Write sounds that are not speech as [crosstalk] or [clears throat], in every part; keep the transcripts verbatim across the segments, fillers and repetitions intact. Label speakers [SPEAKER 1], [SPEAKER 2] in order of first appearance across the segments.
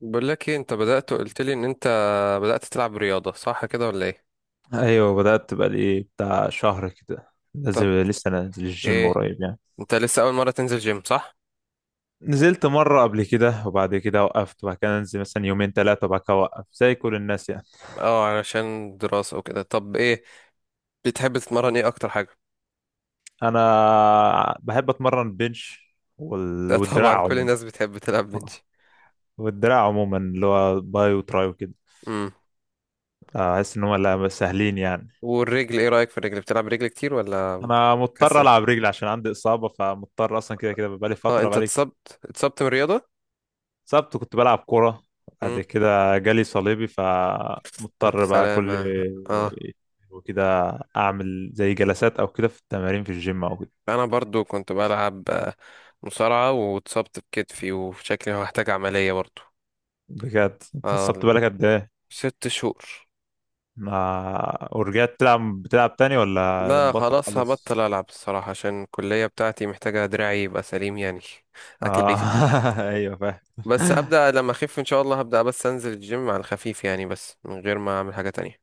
[SPEAKER 1] بقول لك ايه، انت بدأت قلت لي ان انت بدأت تلعب رياضة، صح كده ولا ايه؟
[SPEAKER 2] ايوه، بدأت بقى لي بتاع شهر كده. لازم
[SPEAKER 1] طب
[SPEAKER 2] لسه انا انزل الجيم
[SPEAKER 1] ايه،
[SPEAKER 2] قريب يعني.
[SPEAKER 1] انت لسه اول مرة تنزل جيم صح؟
[SPEAKER 2] نزلت مرة قبل كده وبعد كده وقفت، وبعد كده انزل مثلا يومين ثلاثة وبعد كده اوقف زي كل الناس يعني.
[SPEAKER 1] اه، علشان دراسة وكده. طب ايه بتحب تتمرن، ايه اكتر حاجة؟
[SPEAKER 2] انا بحب اتمرن بنش
[SPEAKER 1] [laughs]
[SPEAKER 2] وال...
[SPEAKER 1] ده طبعا
[SPEAKER 2] والدراع
[SPEAKER 1] كل
[SPEAKER 2] عموما
[SPEAKER 1] الناس بتحب تلعب بنش.
[SPEAKER 2] والدراع عموما اللي هو باي وتراي وكده.
[SPEAKER 1] امم.
[SPEAKER 2] احس ان هم لا سهلين يعني.
[SPEAKER 1] والرجل ايه رأيك في الرجل، بتلعب رجل كتير ولا؟
[SPEAKER 2] انا مضطر
[SPEAKER 1] كسل.
[SPEAKER 2] العب رجل عشان عندي اصابة، فمضطر اصلا كده كده بقالي
[SPEAKER 1] اه،
[SPEAKER 2] فترة
[SPEAKER 1] انت
[SPEAKER 2] بقالي
[SPEAKER 1] اتصبت اتصبت من الرياضة؟
[SPEAKER 2] سبت كنت بلعب كورة. بعد
[SPEAKER 1] امم.
[SPEAKER 2] كده جالي صليبي
[SPEAKER 1] الف
[SPEAKER 2] فمضطر بقى كل
[SPEAKER 1] سلامة. اه،
[SPEAKER 2] وكده. أعمل زي جلسات أو كده في التمارين في الجيم أو كده.
[SPEAKER 1] انا برضو كنت بلعب آه، مصارعة واتصبت بكتفي وشكلي هحتاج عملية برضو.
[SPEAKER 2] بجد أنت
[SPEAKER 1] اه،
[SPEAKER 2] السبت بالك قد إيه؟
[SPEAKER 1] ست شهور.
[SPEAKER 2] ما ورجعت تلعب بتلعب تاني ولا
[SPEAKER 1] لا،
[SPEAKER 2] مبطل
[SPEAKER 1] خلاص
[SPEAKER 2] خالص؟
[SPEAKER 1] هبطل ألعب الصراحة، عشان الكلية بتاعتي محتاجة دراعي يبقى سليم يعني. [laughs] أكل
[SPEAKER 2] آه،
[SPEAKER 1] عيشي.
[SPEAKER 2] [laughs] أيوه فاهم.
[SPEAKER 1] بس هبدأ لما أخف إن شاء الله، هبدأ بس أنزل الجيم على الخفيف يعني، بس من غير ما أعمل حاجة تانية.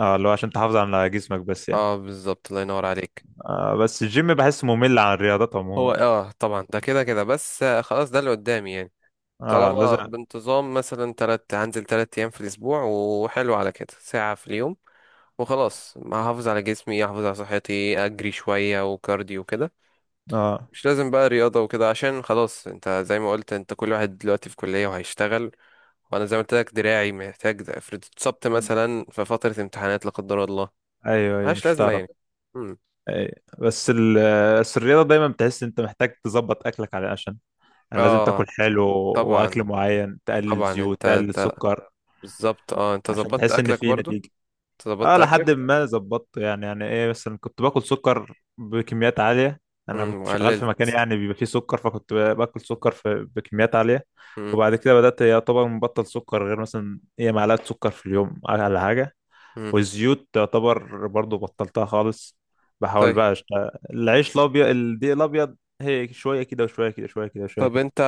[SPEAKER 2] آه، اللي هو عشان تحافظ على جسمك بس يعني.
[SPEAKER 1] اه بالظبط، الله ينور عليك.
[SPEAKER 2] آه، بس الجيم بحس ممل عن الرياضات
[SPEAKER 1] هو
[SPEAKER 2] عموما.
[SPEAKER 1] اه طبعا ده كده كده بس آه، خلاص ده اللي قدامي يعني.
[SPEAKER 2] آه،
[SPEAKER 1] طالما
[SPEAKER 2] لازم.
[SPEAKER 1] بانتظام مثلا تلات، هنزل تلات أيام في الأسبوع وحلو، على كده ساعة في اليوم، وخلاص هحافظ على جسمي، أحافظ على صحتي، أجري شوية وكارديو كده.
[SPEAKER 2] آه،
[SPEAKER 1] مش لازم بقى رياضة وكده، عشان خلاص انت زي ما قلت، انت كل واحد دلوقتي في كلية وهيشتغل. وانا زي ما قلت لك دراعي محتاج ده، افرض اتصبت مثلا في فترة امتحانات لا قدر الله،
[SPEAKER 2] أيوه أيوه،
[SPEAKER 1] ملهاش
[SPEAKER 2] مش
[SPEAKER 1] لازمة
[SPEAKER 2] هتعرف.
[SPEAKER 1] يعني. مم.
[SPEAKER 2] أي. بس ال- بس الرياضة دايما بتحس انت محتاج تظبط اكلك على عشان يعني لازم
[SPEAKER 1] اه،
[SPEAKER 2] تاكل حلو، واكل
[SPEAKER 1] طبعا
[SPEAKER 2] معين، تقلل
[SPEAKER 1] طبعا،
[SPEAKER 2] زيوت،
[SPEAKER 1] انت
[SPEAKER 2] تقلل
[SPEAKER 1] انت
[SPEAKER 2] سكر،
[SPEAKER 1] بالظبط. اه انت
[SPEAKER 2] عشان
[SPEAKER 1] ظبطت
[SPEAKER 2] تحس ان
[SPEAKER 1] اكلك
[SPEAKER 2] في
[SPEAKER 1] برضو؟
[SPEAKER 2] نتيجة.
[SPEAKER 1] انت
[SPEAKER 2] اه،
[SPEAKER 1] ظبطت
[SPEAKER 2] لحد
[SPEAKER 1] اكلك؟
[SPEAKER 2] ما ظبطت يعني يعني ايه، مثلا كنت باكل سكر بكميات عالية. انا
[SPEAKER 1] مم.
[SPEAKER 2] كنت شغال في مكان
[SPEAKER 1] وقللت.
[SPEAKER 2] يعني بيبقى فيه سكر، فكنت باكل سكر في بكميات عالية.
[SPEAKER 1] مم.
[SPEAKER 2] وبعد كده بدأت يعتبر مبطل سكر، غير مثلا ايه، معلقة سكر في اليوم على حاجة.
[SPEAKER 1] مم.
[SPEAKER 2] والزيوت تعتبر برضو بطلتها خالص. بحاول
[SPEAKER 1] طيب.
[SPEAKER 2] بقى أشت... العيش الابيض، الدقيق الابيض، هي شويه كده وشويه كده، شويه كده وشويه
[SPEAKER 1] طب
[SPEAKER 2] كده.
[SPEAKER 1] انت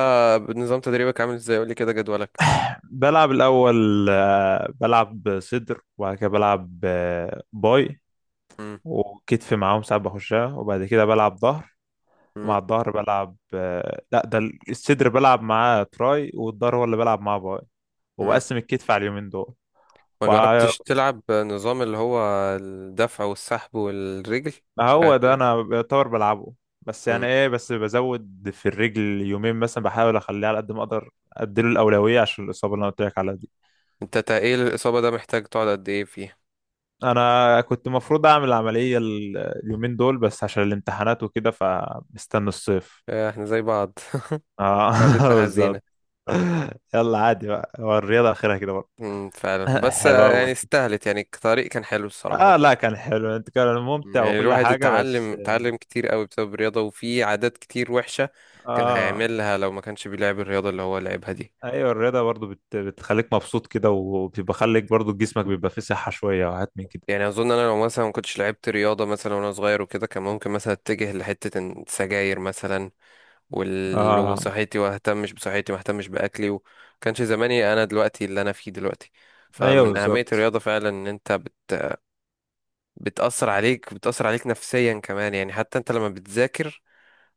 [SPEAKER 1] نظام تدريبك عامل ازاي؟ قولي كده جدولك.
[SPEAKER 2] بلعب الاول آه، بلعب صدر، وبعد كده بلعب آه، باي،
[SPEAKER 1] مم.
[SPEAKER 2] وكتف معاهم ساعات بخشها، وبعد كده بلعب ظهر.
[SPEAKER 1] مم.
[SPEAKER 2] ومع الظهر بلعب آه، لا ده، الصدر بلعب معاه تراي، والظهر هو اللي بلعب معاه باي.
[SPEAKER 1] مم.
[SPEAKER 2] وبقسم الكتف على اليومين دول.
[SPEAKER 1] ما جربتش تلعب نظام اللي هو الدفع والسحب والرجل؟
[SPEAKER 2] ما هو ده انا بيعتبر بلعبه. بس يعني
[SPEAKER 1] مم.
[SPEAKER 2] ايه، بس بزود في الرجل يومين مثلا، بحاول اخليه على قد ما اقدر اديله الاولويه عشان الاصابه اللي انا قلت لك عليها دي.
[SPEAKER 1] انت تقيل الإصابة ده، محتاج تقعد قد ايه فيه؟
[SPEAKER 2] انا كنت المفروض اعمل العمليه ال- اليومين دول، بس عشان الامتحانات وكده فمستني الصيف.
[SPEAKER 1] آه، احنا زي بعض. [laughs]
[SPEAKER 2] اه، [laughs]
[SPEAKER 1] قعدتنا
[SPEAKER 2] بالظبط.
[SPEAKER 1] حزينة.
[SPEAKER 2] يلا عادي بقى، هو الرياضه اخرها كده برضه.
[SPEAKER 1] مم، فعلا
[SPEAKER 2] [laughs]
[SPEAKER 1] بس
[SPEAKER 2] حلو
[SPEAKER 1] آه، يعني
[SPEAKER 2] أوي.
[SPEAKER 1] استاهلت يعني، الطريق كان حلو الصراحة، ما
[SPEAKER 2] اه،
[SPEAKER 1] كنت.
[SPEAKER 2] لا كان حلو انت، كان
[SPEAKER 1] مم،
[SPEAKER 2] ممتع
[SPEAKER 1] يعني
[SPEAKER 2] وكل
[SPEAKER 1] الواحد
[SPEAKER 2] حاجه
[SPEAKER 1] اتعلم
[SPEAKER 2] بس.
[SPEAKER 1] اتعلم كتير قوي بسبب الرياضة، وفي عادات كتير وحشة كان
[SPEAKER 2] اه
[SPEAKER 1] هيعملها لو ما كانش بيلعب الرياضة اللي هو لعبها دي.
[SPEAKER 2] ايوه، الرياضه برضو بت... بتخليك مبسوط كده، وبيبقى خليك برضو جسمك بيبقى فيه صحه شويه وحاجات من كده.
[SPEAKER 1] يعني أظن أنا لو مثلا ما كنتش لعبت رياضة مثلا وأنا صغير وكده، كان ممكن مثلا أتجه لحتة السجاير مثلا، ولو
[SPEAKER 2] اه.
[SPEAKER 1] صحتي واهتمش بصحتي، ما اهتمش باكلي و- كانش زماني انا دلوقتي اللي انا فيه دلوقتي.
[SPEAKER 2] ايوه
[SPEAKER 1] فمن اهمية
[SPEAKER 2] بالظبط.
[SPEAKER 1] الرياضة فعلا ان انت بت... بتأثر عليك بتأثر عليك نفسيا كمان يعني، حتى انت لما بتذاكر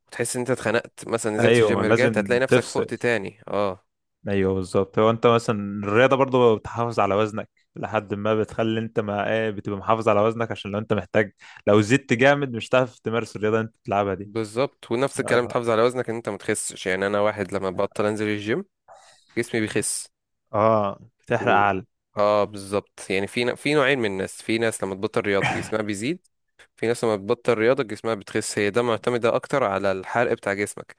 [SPEAKER 1] وتحس ان انت اتخنقت مثلا، نزلت
[SPEAKER 2] ايوه
[SPEAKER 1] الجيم رجعت
[SPEAKER 2] لازم
[SPEAKER 1] هتلاقي نفسك
[SPEAKER 2] تفصل.
[SPEAKER 1] فقت تاني. اه
[SPEAKER 2] ايوه بالظبط، هو انت مثلا الرياضه برضو بتحافظ على وزنك. لحد ما بتخلي انت ما ايه بتبقى محافظ على وزنك عشان لو انت محتاج، لو زدت جامد مش هتعرف تمارس الرياضه اللي انت بتلعبها دي.
[SPEAKER 1] بالظبط، ونفس الكلام
[SPEAKER 2] اه.
[SPEAKER 1] تحافظ على وزنك ان انت ما تخسش، يعني انا واحد لما
[SPEAKER 2] ف-
[SPEAKER 1] ببطل انزل الجيم جسمي بيخس
[SPEAKER 2] آه، بتحرق
[SPEAKER 1] و...
[SPEAKER 2] عقل.
[SPEAKER 1] اه بالظبط يعني في ن... في نوعين من الناس، في ناس لما تبطل رياضة جسمها بيزيد، في ناس لما بتبطل رياضة جسمها بتخس. هي ده معتمدة أكتر على الحرق بتاع جسمك،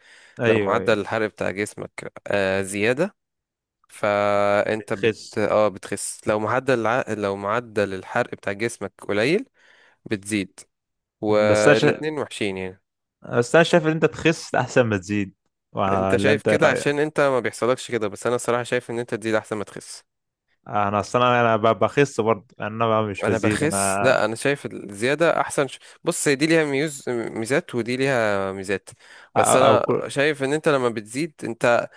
[SPEAKER 1] لو
[SPEAKER 2] ايوه ايوه،
[SPEAKER 1] معدل الحرق بتاع جسمك آه زيادة فأنت بت
[SPEAKER 2] بتخس.
[SPEAKER 1] اه بتخس، لو معدل الع... لو معدل الحرق بتاع جسمك قليل بتزيد.
[SPEAKER 2] بس انا شا...
[SPEAKER 1] والاتنين وحشين يعني.
[SPEAKER 2] بس انا شايف ان انت تخس احسن ما تزيد.
[SPEAKER 1] انت
[SPEAKER 2] ولا
[SPEAKER 1] شايف
[SPEAKER 2] انت ايه
[SPEAKER 1] كده عشان
[SPEAKER 2] رايك؟
[SPEAKER 1] انت ما بيحصلكش كده، بس انا الصراحة شايف ان انت تزيد احسن ما تخس.
[SPEAKER 2] انا اصلا انا ب- بخس برضه يعني، انا بقى مش
[SPEAKER 1] انا
[SPEAKER 2] بزيد
[SPEAKER 1] بخس،
[SPEAKER 2] انا.
[SPEAKER 1] لا انا شايف الزيادة احسن ش... بص، هي دي ليها ميوز ميزات ودي ليها ميزات، بس
[SPEAKER 2] او أو
[SPEAKER 1] انا
[SPEAKER 2] كل.
[SPEAKER 1] شايف ان انت لما بتزيد انت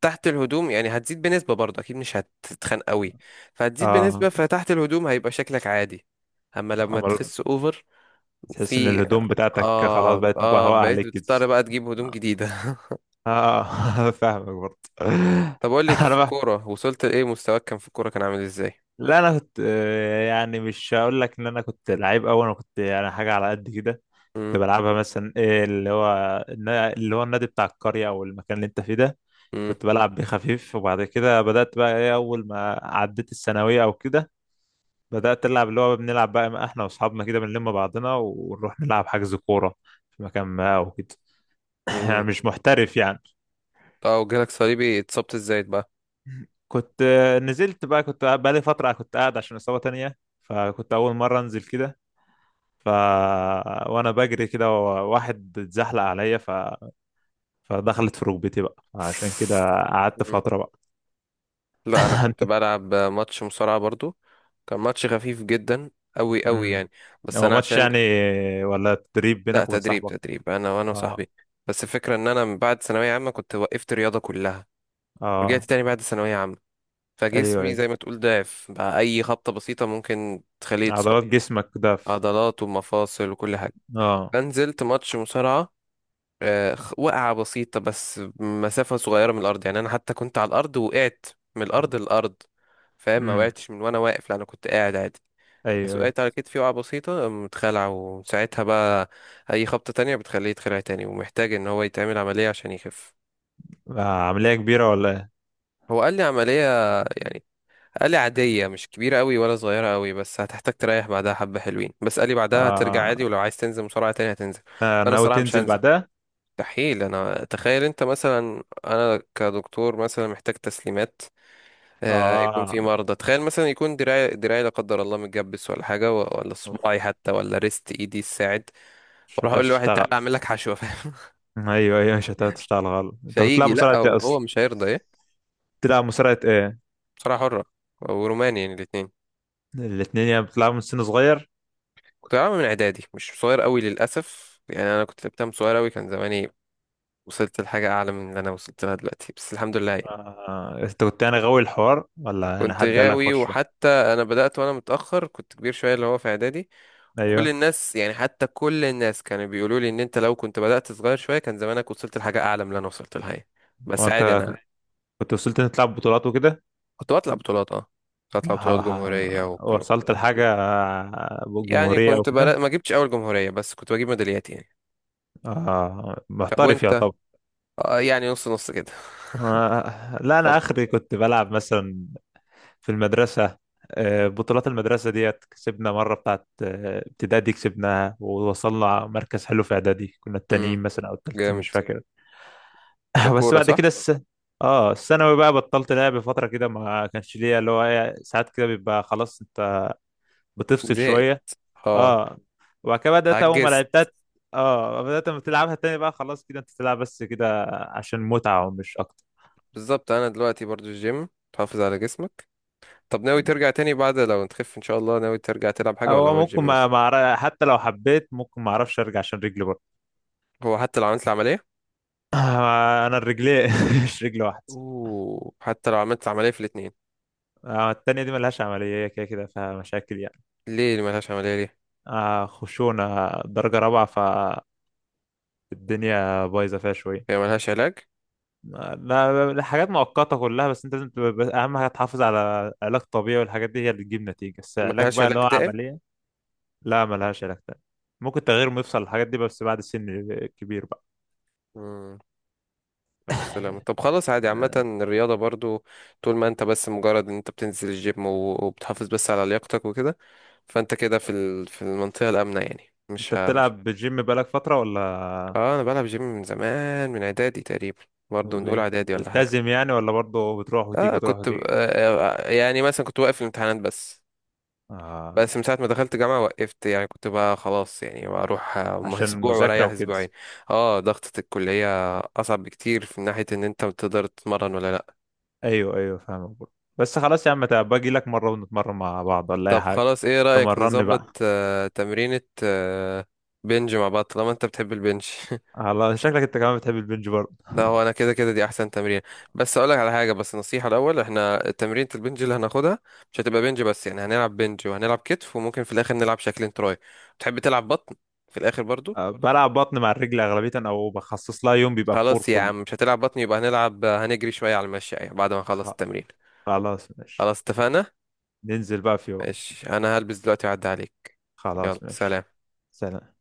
[SPEAKER 1] تحت الهدوم يعني هتزيد بنسبة برضه، أكيد مش هتتخن قوي، فهتزيد
[SPEAKER 2] اه
[SPEAKER 1] بنسبة، فتحت الهدوم هيبقى شكلك عادي. أما لما
[SPEAKER 2] أمر...
[SPEAKER 1] تخس أوفر،
[SPEAKER 2] تحس ان
[SPEAKER 1] في
[SPEAKER 2] الهدوم بتاعتك خلاص
[SPEAKER 1] آه
[SPEAKER 2] بقت
[SPEAKER 1] آه
[SPEAKER 2] مبهوقة
[SPEAKER 1] بقيت
[SPEAKER 2] عليك كده.
[SPEAKER 1] بتضطر بقى تجيب هدوم جديدة.
[SPEAKER 2] اه، [laughs] فاهمك برضه.
[SPEAKER 1] [laughs] طب أقول لك،
[SPEAKER 2] انا
[SPEAKER 1] في
[SPEAKER 2] بقى.
[SPEAKER 1] الكورة وصلت لإيه؟ مستواك كان في الكورة كان عامل إزاي؟
[SPEAKER 2] لا، انا كنت آه، يعني مش هقول لك ان انا كنت لعيب قوي، انا كنت يعني حاجه على قد كده. كنت
[SPEAKER 1] مم.
[SPEAKER 2] بلعبها مثلا إيه اللي هو النا- اللي هو النادي بتاع القريه او المكان اللي انت فيه ده.
[SPEAKER 1] مم.
[SPEAKER 2] كنت بلعب بيه خفيف، وبعد كده بدات بقى ايه اول ما عديت الثانويه او كده، بدأت ألعب اللي هو بنلعب بقى ما احنا واصحابنا كده بنلم بعضنا ونروح نلعب حجز كورة في مكان ما او كده. [laughs] [clears throat] يعني
[SPEAKER 1] مم.
[SPEAKER 2] مش محترف يعني.
[SPEAKER 1] آه، وجالك صليبي، اتصبت إزاي بقى؟
[SPEAKER 2] كنت آه، نزلت بقى كنت قاعد- بقالي فترة كنت قاعد عشان إصابة تانية، فكنت أول مرة أنزل كده. ف وأنا بجري كده، واحد اتزحلق عليا ف... فدخلت في ركبتي بقى عشان كده. قعدت
[SPEAKER 1] مم.
[SPEAKER 2] فترة بقى.
[SPEAKER 1] لا أنا
[SPEAKER 2] [laughs] أنت.
[SPEAKER 1] كنت بلعب ماتش مصارعة برضه، كان ماتش خفيف جدا أوي أوي
[SPEAKER 2] مم.
[SPEAKER 1] يعني، بس
[SPEAKER 2] هو
[SPEAKER 1] أنا
[SPEAKER 2] ماتش
[SPEAKER 1] عشان
[SPEAKER 2] يعني ولا تدريب
[SPEAKER 1] لا
[SPEAKER 2] بينك وبين
[SPEAKER 1] تدريب
[SPEAKER 2] صاحبك؟
[SPEAKER 1] تدريب انا وانا
[SPEAKER 2] اه.
[SPEAKER 1] وصاحبي، بس الفكره ان انا من بعد ثانويه عامه كنت وقفت رياضه كلها، رجعت
[SPEAKER 2] اه
[SPEAKER 1] تاني بعد ثانويه عامه،
[SPEAKER 2] ايوه
[SPEAKER 1] فجسمي زي
[SPEAKER 2] ايوه.
[SPEAKER 1] ما تقول ضعف بقى، اي خبطه بسيطه ممكن تخليه يتصاب،
[SPEAKER 2] عضلات جسمك ده في.
[SPEAKER 1] عضلات ومفاصل وكل حاجه،
[SPEAKER 2] اه.
[SPEAKER 1] فنزلت ماتش مصارعه، آه، خ- وقعه بسيطه، بس مسافه صغيره من الارض يعني، انا حتى كنت على الارض وقعت من الارض للارض، فاهم، ما
[SPEAKER 2] امم.
[SPEAKER 1] وقعتش من وانا واقف، لا انا كنت قاعد عادي،
[SPEAKER 2] ايوه ايوه.
[SPEAKER 1] سوقت على كتفي وقعة بسيطة متخلع، وساعتها بقى أي خبطة تانية بتخليه يتخلع تاني ومحتاج إن هو يتعمل عملية عشان يخف.
[SPEAKER 2] آه، عملية كبيرة ولا ايه؟
[SPEAKER 1] هو قال لي عملية يعني، قال لي عادية مش كبيرة أوي ولا صغيرة أوي، بس هتحتاج تريح بعدها حبة حلوين، بس قال لي بعدها ترجع
[SPEAKER 2] آه
[SPEAKER 1] عادي، ولو عايز تنزل مصارعة تانية هتنزل.
[SPEAKER 2] آه،
[SPEAKER 1] أنا
[SPEAKER 2] ناوي
[SPEAKER 1] الصراحة مش
[SPEAKER 2] تنزل
[SPEAKER 1] هنزل،
[SPEAKER 2] بعدها؟
[SPEAKER 1] مستحيل. أنا تخيل أنت مثلا، أنا كدكتور مثلا محتاج تسليمات، آه، يكون في
[SPEAKER 2] اه.
[SPEAKER 1] مرضى، تخيل مثلا يكون دراعي دراعي لا قدر الله متجبس، ولا حاجة و- ولا
[SPEAKER 2] اوف.
[SPEAKER 1] صباعي حتى، ولا ريست إيدي الساعد،
[SPEAKER 2] مش
[SPEAKER 1] واروح اقول لواحد تعالى
[SPEAKER 2] هتشتغل.
[SPEAKER 1] اعمل لك حشوه، فاهم؟
[SPEAKER 2] ايوه ايوه مش هتشتغل غلط.
[SPEAKER 1] [laughs]
[SPEAKER 2] انت كنت تلعب
[SPEAKER 1] فيجي، لا
[SPEAKER 2] مصارعة
[SPEAKER 1] هو
[SPEAKER 2] ايه
[SPEAKER 1] هو
[SPEAKER 2] اصلا؟
[SPEAKER 1] مش هيرضى ايه.
[SPEAKER 2] تلعب مصارعة ايه؟
[SPEAKER 1] بصراحه حره وروماني يعني الاثنين.
[SPEAKER 2] الاتنين يعني بتلعبوا من سن صغير؟
[SPEAKER 1] كنت بلعبها من اعدادي، مش صغير قوي للاسف يعني، انا كنت لعبتها من صغير قوي كان زماني وصلت لحاجه اعلى من اللي انا وصلت لها دلوقتي، بس الحمد لله يعني.
[SPEAKER 2] آه، انت كنت يعني غاوي الحوار ولا انا
[SPEAKER 1] كنت
[SPEAKER 2] حد قال لك
[SPEAKER 1] غاوي،
[SPEAKER 2] خش؟
[SPEAKER 1] وحتى انا بدات وانا متاخر كنت كبير شويه اللي هو في اعدادي، وكل
[SPEAKER 2] ايوه.
[SPEAKER 1] الناس يعني حتى كل الناس كانوا بيقولوا لي ان انت لو كنت بدات صغير شويه كان زمانك وصلت لحاجه اعلى من اللي انا وصلت لها يعني. بس
[SPEAKER 2] وانت
[SPEAKER 1] عادي انا.
[SPEAKER 2] كنت وصلت انك تلعب بطولات وكده؟
[SPEAKER 1] كنت بطلع بطولات اه كنت بطلع بطولات
[SPEAKER 2] ح-
[SPEAKER 1] جمهوريه
[SPEAKER 2] ح-
[SPEAKER 1] وك...
[SPEAKER 2] وصلت لحاجة آه،
[SPEAKER 1] يعني
[SPEAKER 2] جمهورية او
[SPEAKER 1] كنت بلا...
[SPEAKER 2] كده؟
[SPEAKER 1] ما جبتش اول جمهورية، بس كنت بجيب ميداليات يعني.
[SPEAKER 2] آه،
[SPEAKER 1] طب
[SPEAKER 2] محترف
[SPEAKER 1] وانت؟
[SPEAKER 2] يعتبر.
[SPEAKER 1] آه يعني نص نص كده.
[SPEAKER 2] آه،
[SPEAKER 1] [laughs]
[SPEAKER 2] لا
[SPEAKER 1] طب.
[SPEAKER 2] انا اخري كنت بلعب مثلا في المدرسه. آه، بطولات المدرسه ديت كسبنا مره بتاعت آه، ابتدائي، كسبناها ووصلنا مركز حلو، في اعدادي كنا
[SPEAKER 1] امم.
[SPEAKER 2] التانيين مثلا او التالتين
[SPEAKER 1] جامد.
[SPEAKER 2] مش فاكر.
[SPEAKER 1] ده
[SPEAKER 2] [laughs] بس
[SPEAKER 1] كورة
[SPEAKER 2] بعد
[SPEAKER 1] صح؟
[SPEAKER 2] كده الس... اه، الثانوي بقى بطلت لعب فتره كده، ما كانش ليا اللي هو إيه، ساعات كده بيبقى خلاص انت بتفصل
[SPEAKER 1] زهقت.
[SPEAKER 2] شويه.
[SPEAKER 1] اه.
[SPEAKER 2] اه. وبعد كده بدات اول ما
[SPEAKER 1] عجزت.
[SPEAKER 2] لعبتها. اه، بدات لما تلعبها تاني بقى خلاص كده انت تلعب بس كده عشان متعه ومش اكتر.
[SPEAKER 1] بالظبط، انا دلوقتي برضو الجيم تحافظ على جسمك. طب ناوي ترجع تاني بعد لو تخف ان شاء الله؟ ناوي ترجع تلعب حاجة ولا
[SPEAKER 2] هو
[SPEAKER 1] هو
[SPEAKER 2] ممكن
[SPEAKER 1] الجيم بس؟
[SPEAKER 2] ما ما أعرف- حتى لو حبيت ممكن ما اعرفش ارجع عشان رجلي برضه.
[SPEAKER 1] هو حتى لو عملت العملية.
[SPEAKER 2] آه، انا الرجلين [laughs] مش رجل واحده.
[SPEAKER 1] اوه، حتى لو عملت العملية في الاتنين؟
[SPEAKER 2] آه، التانية دي ملهاش عملية، هي كده كده فيها مشاكل يعني.
[SPEAKER 1] ليه اللي ملهاش عملية ليه؟
[SPEAKER 2] آه، خشونة درجة رابعة. فالدنيا بايظة فيها شوية.
[SPEAKER 1] هي ملهاش علاج؟
[SPEAKER 2] آه، لا لا، حاجات مؤقتة كلها، بس انت لازم تبقى بس أهم حاجة تحافظ على علاج طبيعي، والحاجات دي هي اللي تجيب نتيجة، بس علاج
[SPEAKER 1] ملهاش
[SPEAKER 2] بقى اللي
[SPEAKER 1] علاج
[SPEAKER 2] هو
[SPEAKER 1] دائم؟
[SPEAKER 2] عملية. لا، ملهاش علاج تاني. ممكن تغيير مفصل الحاجات دي بس بعد سن كبير بقى.
[SPEAKER 1] مم. ألف سلامة. طب خلاص عادي، عامة
[SPEAKER 2] آه،
[SPEAKER 1] الرياضة برضو طول ما أنت بس مجرد إن أنت بتنزل الجيم و- وبتحافظ بس على لياقتك وكده، فأنت كده في ال... في المنطقة الآمنة يعني،
[SPEAKER 2] انت
[SPEAKER 1] مش ها مش.
[SPEAKER 2] بتلعب بالجيم بقالك فترة ولا؟
[SPEAKER 1] آه أنا بلعب جيم من زمان، من إعدادي تقريبا، برضو من أولى
[SPEAKER 2] وبي-
[SPEAKER 1] إعدادي ولا حاجة.
[SPEAKER 2] ملتزم يعني ولا برضه بتروح وتيجي
[SPEAKER 1] آه
[SPEAKER 2] وتروح
[SPEAKER 1] كنت ب... آه
[SPEAKER 2] وتيجي؟
[SPEAKER 1] آه، آه، يعني مثلا كنت واقف الامتحانات بس.
[SPEAKER 2] آه،
[SPEAKER 1] بس من ساعة ما دخلت جامعة وقفت، يعني كنت بقى خلاص يعني بروح آه، [laughs]
[SPEAKER 2] عشان
[SPEAKER 1] أسبوع
[SPEAKER 2] المذاكرة
[SPEAKER 1] وأريح
[SPEAKER 2] وكده.
[SPEAKER 1] أسبوعين. اه ضغطة الكلية أصعب بكتير في ناحية إن أنت بتقدر تتمرن ولا لأ.
[SPEAKER 2] ايوه ايوه فاهمك برضه. بس خلاص يا عم، تعب، باجي لك مرة ونتمرن مع بعض ولا اي
[SPEAKER 1] طب
[SPEAKER 2] حاجة.
[SPEAKER 1] خلاص ايه رأيك
[SPEAKER 2] تمرني
[SPEAKER 1] نظبط
[SPEAKER 2] بقى.
[SPEAKER 1] آه، تمرينة آه، بنج مع بعض طالما انت بتحب البنج. [laughs]
[SPEAKER 2] على شكلك انت كمان بتحب البنج برضه.
[SPEAKER 1] لا هو انا كده كده دي احسن تمرين. بس اقولك على حاجة، بس نصيحة الاول، احنا تمرينة البنج اللي هناخدها مش هتبقى بنج بس يعني، هنلعب بنج وهنلعب كتف وممكن في الاخر نلعب شكلين تراي. تحب تلعب بطن في الاخر برضو؟
[SPEAKER 2] آه، بلعب بطن مع الرجل اغلبية او بخصص لها يوم بيبقى الكور
[SPEAKER 1] خلاص يا
[SPEAKER 2] كله.
[SPEAKER 1] عم مش هتلعب بطن، يبقى هنلعب هنجري شوية على المشي يعني بعد ما نخلص
[SPEAKER 2] خ-
[SPEAKER 1] التمرين.
[SPEAKER 2] خلاص ماشي.
[SPEAKER 1] خلاص اتفقنا.
[SPEAKER 2] ننزل بقى في يوم.
[SPEAKER 1] ماشي، انا هلبس دلوقتي وأعدي عليك. يلا
[SPEAKER 2] خلاص ماشي.
[SPEAKER 1] سلام.
[SPEAKER 2] سلام.